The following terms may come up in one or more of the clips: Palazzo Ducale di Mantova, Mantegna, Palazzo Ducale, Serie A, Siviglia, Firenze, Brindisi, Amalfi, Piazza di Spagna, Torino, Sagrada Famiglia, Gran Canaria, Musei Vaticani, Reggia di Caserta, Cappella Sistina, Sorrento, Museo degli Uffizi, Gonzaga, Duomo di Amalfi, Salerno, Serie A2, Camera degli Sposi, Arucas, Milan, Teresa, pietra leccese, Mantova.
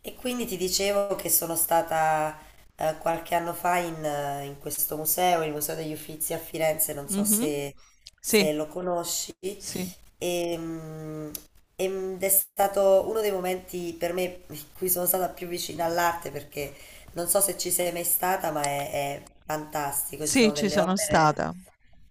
E quindi ti dicevo che sono stata qualche anno fa in questo museo, il Museo degli Uffizi a Firenze, non so Mhm. se, Sì, se lo conosci, sì, e, mm, ed è stato uno dei momenti per me in cui sono stata più vicina all'arte, perché non so se ci sei mai stata, ma è fantastico, ci sì, sono ci delle sono opere, stata.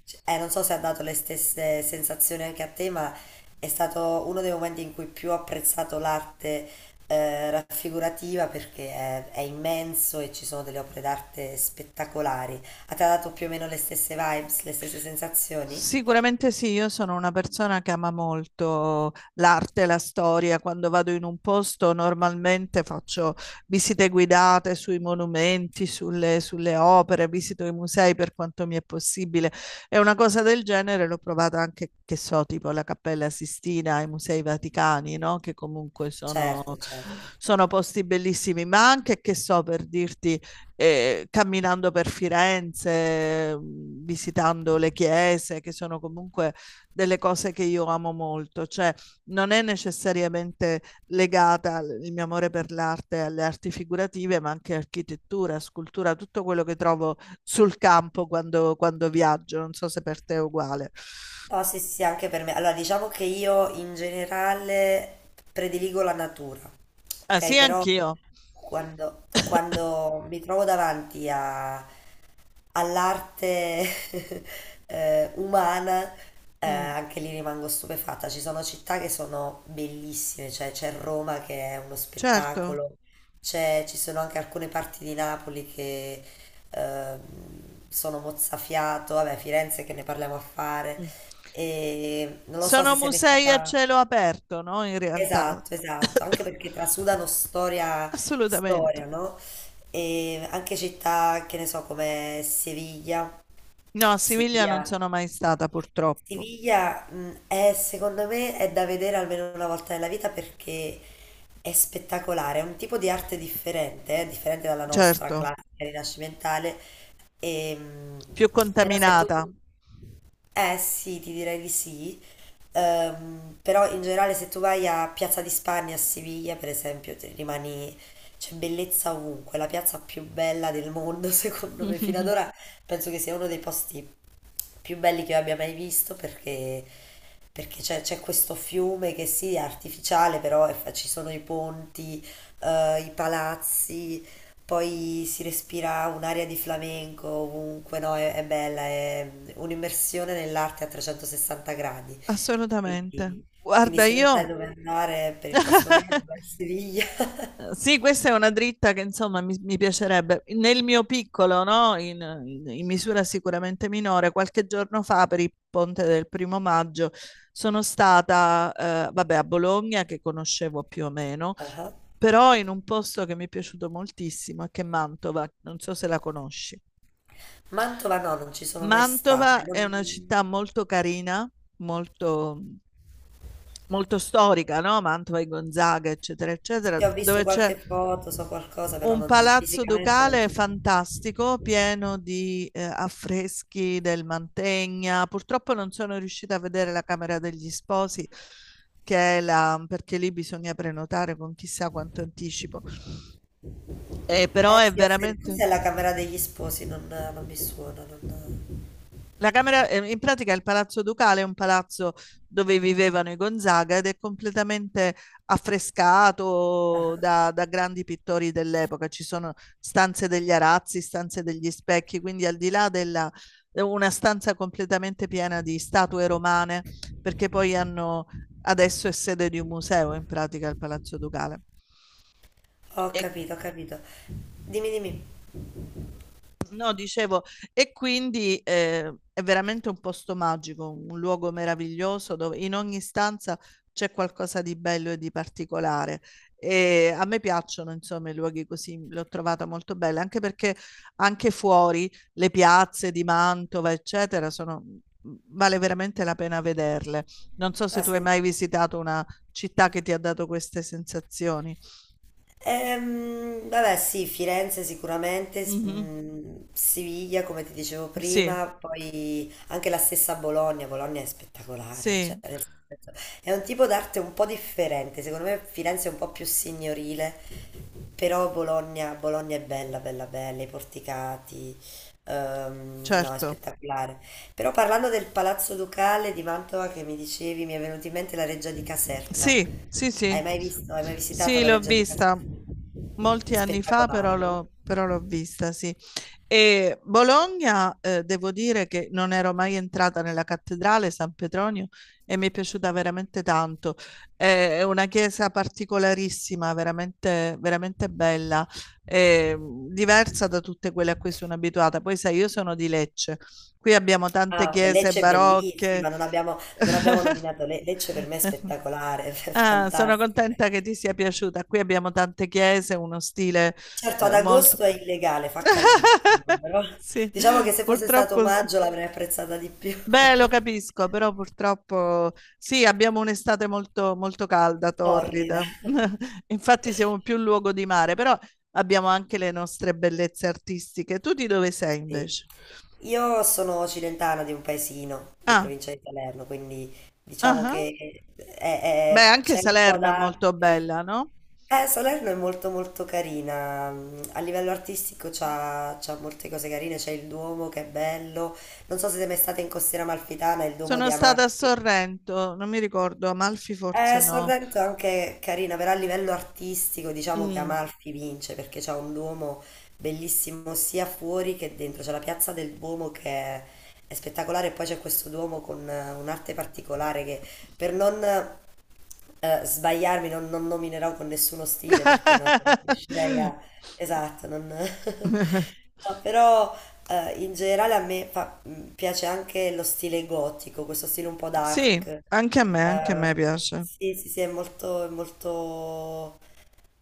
cioè, non so se ha dato le stesse sensazioni anche a te, ma è stato uno dei momenti in cui più ho apprezzato l'arte, raffigurativa, perché è immenso e ci sono delle opere d'arte spettacolari. A te ha dato più o meno le stesse vibes, le stesse sensazioni? Sicuramente sì, io sono una persona che ama molto l'arte, la storia. Quando vado in un posto normalmente faccio visite guidate sui monumenti, sulle opere, visito i musei per quanto mi è possibile. E una cosa del genere l'ho provata anche, che so, tipo la Cappella Sistina, i Musei Vaticani, no? Che comunque sono, Certo, certo. sono posti bellissimi, ma anche, che so, per dirti camminando per Firenze, visitando le chiese, che sono comunque delle cose che io amo molto, cioè non è necessariamente legata il mio amore per l'arte, alle arti figurative, ma anche architettura, scultura, tutto quello che trovo sul campo quando viaggio. Non so se per te è uguale. No, sì, sì, sì, anche per me. Allora, diciamo che io in generale prediligo la natura, Ah, ok? sì, Però anch'io. quando, quando mi trovo davanti all'arte umana, Mm, anche lì rimango stupefatta. Ci sono città che sono bellissime, cioè c'è Roma che è uno certo. spettacolo, ci sono anche alcune parti di Napoli che sono mozzafiato, vabbè, Firenze che ne parliamo a fare. Mm. E non lo so se Sono sei mai musei a stata... cielo aperto, no? In realtà. Esatto, esatto, anche perché trasudano storia, Assolutamente. storia, no? E anche città, che ne so, come Siviglia. No, a Siviglia non Siviglia. sono mai stata purtroppo. Siviglia, è, secondo me, è da vedere almeno una volta nella vita perché è spettacolare, è un tipo di arte differente, differente dalla nostra Certo, classica rinascimentale. E, più però se tu... contaminata. Eh sì, ti direi di sì. Però in generale, se tu vai a Piazza di Spagna a Siviglia, per esempio, ti rimani, c'è bellezza ovunque, la piazza più bella del mondo, secondo me, fino ad ora penso che sia uno dei posti più belli che io abbia mai visto, perché c'è questo fiume che sì, è artificiale, però ci sono i ponti, i palazzi, poi si respira un'aria di flamenco ovunque, no? È bella, è un'immersione nell'arte a 360 gradi. Assolutamente. Quindi, quindi Guarda, se non sai io... dove andare per il prossimo viaggio, vai a Siviglia. Sì, questa è una dritta che insomma mi piacerebbe. Nel mio piccolo, no? In misura sicuramente minore, qualche giorno fa per il ponte del primo maggio sono stata, vabbè, a Bologna che conoscevo più o meno Ah. però in un posto che mi è piaciuto moltissimo, che è Mantova, non so se la conosci. Mantova no, non ci sono mai stata. Mantova è una città molto carina, molto, molto storica, no? Mantova e Gonzaga, eccetera, eccetera, Sì, ho visto dove c'è qualche foto, so qualcosa, però un palazzo fisicamente non ducale ci sono. fantastico, pieno di affreschi del Mantegna. Purtroppo non sono riuscita a vedere la Camera degli Sposi, che è la, perché lì bisogna prenotare con chissà quanto anticipo. Però Eh è sì, veramente. cos'è la Camera degli Sposi? Non mi suona, non... La camera, in pratica il Palazzo Ducale è un palazzo dove vivevano i Gonzaga ed è completamente Ah. affrescato da grandi pittori dell'epoca. Ci sono stanze degli arazzi, stanze degli specchi, quindi al di là della una stanza completamente piena di statue romane, perché poi hanno adesso è sede di un museo in pratica il Palazzo Ducale. Ho E capito, ho capito. Dimmi, dimmi. no, dicevo, e quindi è veramente un posto magico, un luogo meraviglioso dove in ogni stanza c'è qualcosa di bello e di particolare. E a me piacciono, insomma, i luoghi così, l'ho trovata molto bella, anche perché anche fuori le piazze di Mantova, eccetera, sono, mhmm, vale veramente la pena vederle. Non so se Ah, tu hai mai visitato una città che ti ha dato queste sensazioni. Vabbè, sì, Firenze sicuramente, Mhm. Siviglia come ti dicevo Sì, prima, poi anche la stessa Bologna. Bologna è spettacolare, cioè, sì, nel senso, è un tipo d'arte un po' differente, secondo me Firenze è un po' più signorile, però Bologna, Bologna è bella, bella, bella, i porticati, no, è certo. spettacolare. Però parlando del Palazzo Ducale di Mantova che mi dicevi, mi è venuta in mente la Reggia di Caserta. Sì, sì, Hai sì. mai visto, hai mai visitato Sì, la l'ho Reggia di Caserta? vista molti anni fa, Spettacolare, no? Però l'ho vista, sì. E Bologna, devo dire che non ero mai entrata nella cattedrale San Petronio e mi è piaciuta veramente tanto. È una chiesa particolarissima, veramente, veramente bella, eh, diversa da tutte quelle a cui sono abituata. Poi sai, io sono di Lecce, qui abbiamo tante Ah, beh, chiese Lecce è bellissima, barocche. non abbiamo nominato Lecce per me è spettacolare, è Ah, sono fantastica. contenta che ti sia piaciuta. Qui abbiamo tante chiese, uno stile Certo, ad molto... agosto è illegale, fa caldissimo, però Sì, diciamo che se fosse stato purtroppo sì. maggio l'avrei apprezzata di più. Beh, lo capisco, però purtroppo sì, abbiamo un'estate molto, molto calda, Torrida. torrida. Infatti siamo più luogo di mare, però abbiamo anche le nostre bellezze artistiche. Tu di dove sei Sì. invece? Io sono occidentana di un paesino di Ah, provincia di Salerno, quindi ah diciamo ah. che Beh, anche c'è un po' Salerno è molto d'arte. bella, no? Salerno è molto molto carina, a livello artistico c'ha molte cose carine, c'è il Duomo che è bello, non so se siete mai state in Costiera Amalfitana, il Duomo di Sono stata a Amalfi. Sorrento, non mi ricordo, Amalfi forse no. Sorrento è anche carina, però a livello artistico diciamo che Mm. Amalfi vince perché c'è un Duomo bellissimo sia fuori che dentro, c'è la piazza del Duomo che è spettacolare, e poi c'è questo Duomo con un'arte particolare che, per non sbagliarmi, non nominerò con nessuno stile perché non riuscirei a... Esatto, non... No, però in generale a me piace anche lo stile gotico, questo stile un po' Sì, dark. Anche a me Eh, piace. sì, sì, sì, è molto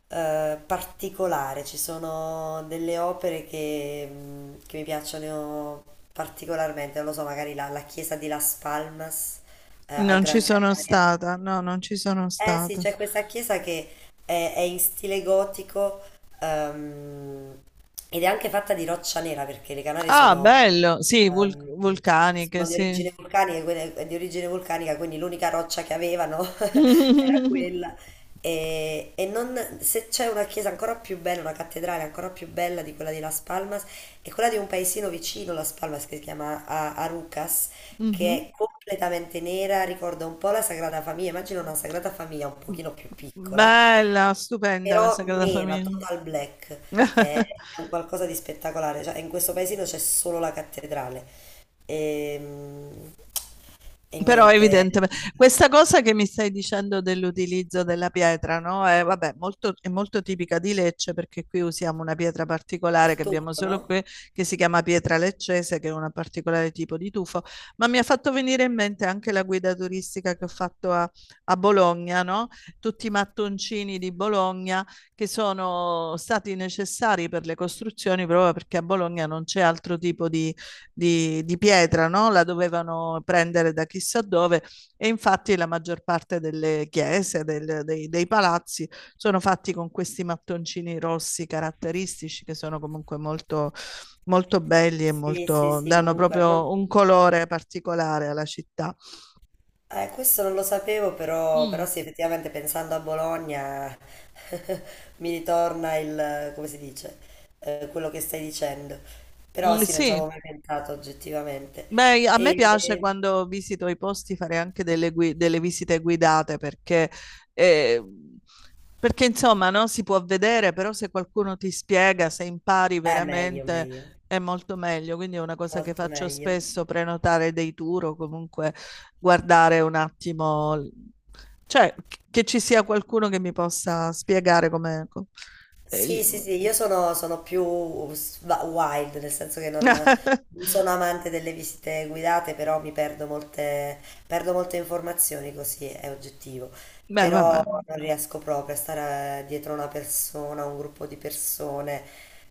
particolare. Ci sono delle opere che mi piacciono particolarmente, non lo so, magari la chiesa di Las Palmas, a Non ci Gran sono Canaria. stata, no, non ci sono Eh sì, stata. c'è questa chiesa che è in stile gotico. Ehm, Ed è anche fatta di roccia nera perché le Canarie Ah, bello, sì, ehm, vulcaniche, sono di sì. origine vulcanica, quindi l'unica roccia che avevano era quella. E se c'è una chiesa ancora più bella, una cattedrale ancora più bella di quella di Las Palmas, è quella di un paesino vicino Las Palmas che si chiama Arucas, che Mhm. è completamente nera, ricorda un po' la Sagrada Famiglia. Immagino una Sagrada Famiglia un pochino più piccola Bella, stupenda la però Sagrada nera, Famiglia. total black, è è un qualcosa di spettacolare, cioè in questo paesino c'è solo la cattedrale. Ehm, e, Però niente, evidentemente questa cosa che mi stai dicendo dell'utilizzo della pietra, no? È, vabbè, molto, è molto tipica di Lecce perché qui usiamo una pietra particolare il che abbiamo turco, solo qui, no? che si chiama pietra leccese, che è un particolare tipo di tufo, ma mi ha fatto venire in mente anche la guida turistica che ho fatto a Bologna, no? Tutti i mattoncini di Bologna che sono stati necessari per le costruzioni proprio perché a Bologna non c'è altro tipo di di pietra, no? La dovevano prendere da chissà dove e infatti la maggior parte delle chiese, dei palazzi sono fatti con questi mattoncini rossi caratteristici che sono comunque molto, molto belli e Sì, sì, molto, sì, danno comunque, proprio un colore particolare alla città. Questo non lo sapevo, però Mm, sì, effettivamente pensando a Bologna mi ritorna il, come si dice, quello che stai dicendo, però mm, sì, non ci sì. avevo mai pensato oggettivamente. Beh, a me piace E, quando visito i posti fare anche delle, delle visite guidate perché, eh, perché, insomma, no, si può vedere, però se qualcuno ti spiega, se impari meglio, veramente meglio. è molto meglio. Quindi è una cosa che Molto faccio meglio. spesso, prenotare dei tour o comunque guardare un attimo, cioè che ci sia qualcuno che mi possa spiegare come... eh, Sì, gli- sì, sì, io sono più wild, nel senso che non, non sono amante delle visite guidate, però perdo molte informazioni, così è oggettivo. Beh, Però vabbè. non riesco proprio a stare dietro una persona, un gruppo di persone,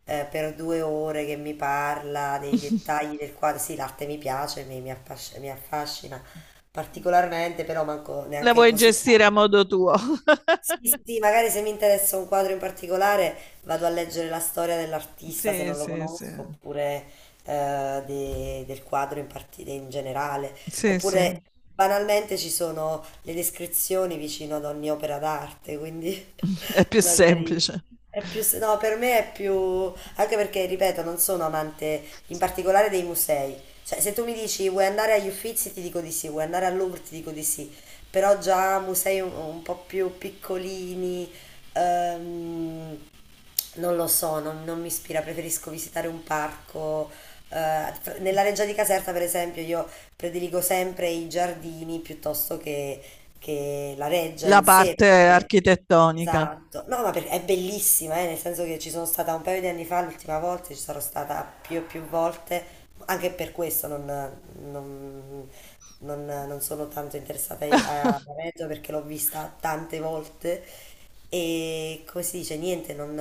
per due ore che mi parla dei dettagli del quadro. Sì, l'arte mi piace, mi affascina particolarmente, però manco La neanche vuoi così gestire a tanto. modo tuo? Sì, sì, sì, magari se mi interessa un quadro in particolare vado a leggere la storia dell'artista se Sì, non lo sì, sì. conosco, oppure del quadro in generale, Sì, sì. oppure banalmente ci sono le descrizioni vicino ad ogni opera d'arte, quindi È più magari semplice. è più... No, per me è più... anche perché, ripeto, non sono amante in particolare dei musei. Cioè, se tu mi dici vuoi andare agli Uffizi, ti dico di sì, vuoi andare al Louvre, ti dico di sì, però già musei un po' più piccolini, ehm, non lo so, non mi ispira, preferisco visitare un parco. Nella Reggia di Caserta, per esempio, io prediligo sempre i giardini piuttosto che la reggia La in sé. parte Perché... architettonica, Esatto, no, ma perché è bellissima, nel senso che ci sono stata un paio di anni fa, l'ultima volta, ci sarò stata più e più volte, anche per questo non- non sono tanto interessata alla Reggio perché l'ho vista tante volte e, come si dice, niente, non,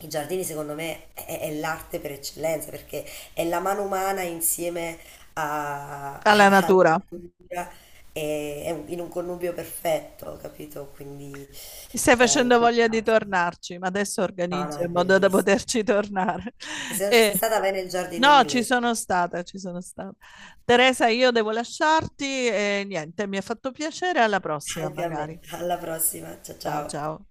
i giardini secondo me è l'arte per eccellenza perché è la mano umana insieme a- a- alla alla natura. natura e è in un connubio perfetto, capito? Quindi Mi stai in facendo quel voglia di caso. tornarci, ma adesso No, no, organizzo è in modo da bellissimo. poterci tornare. E se non ci E, sei stata, vai nel giardino no, ci inglese. sono stata, ci sono stata. Teresa, io devo lasciarti e niente, mi ha fatto piacere, alla prossima Anche a me. magari. Alla prossima. Ciao Ciao, ciao. ciao.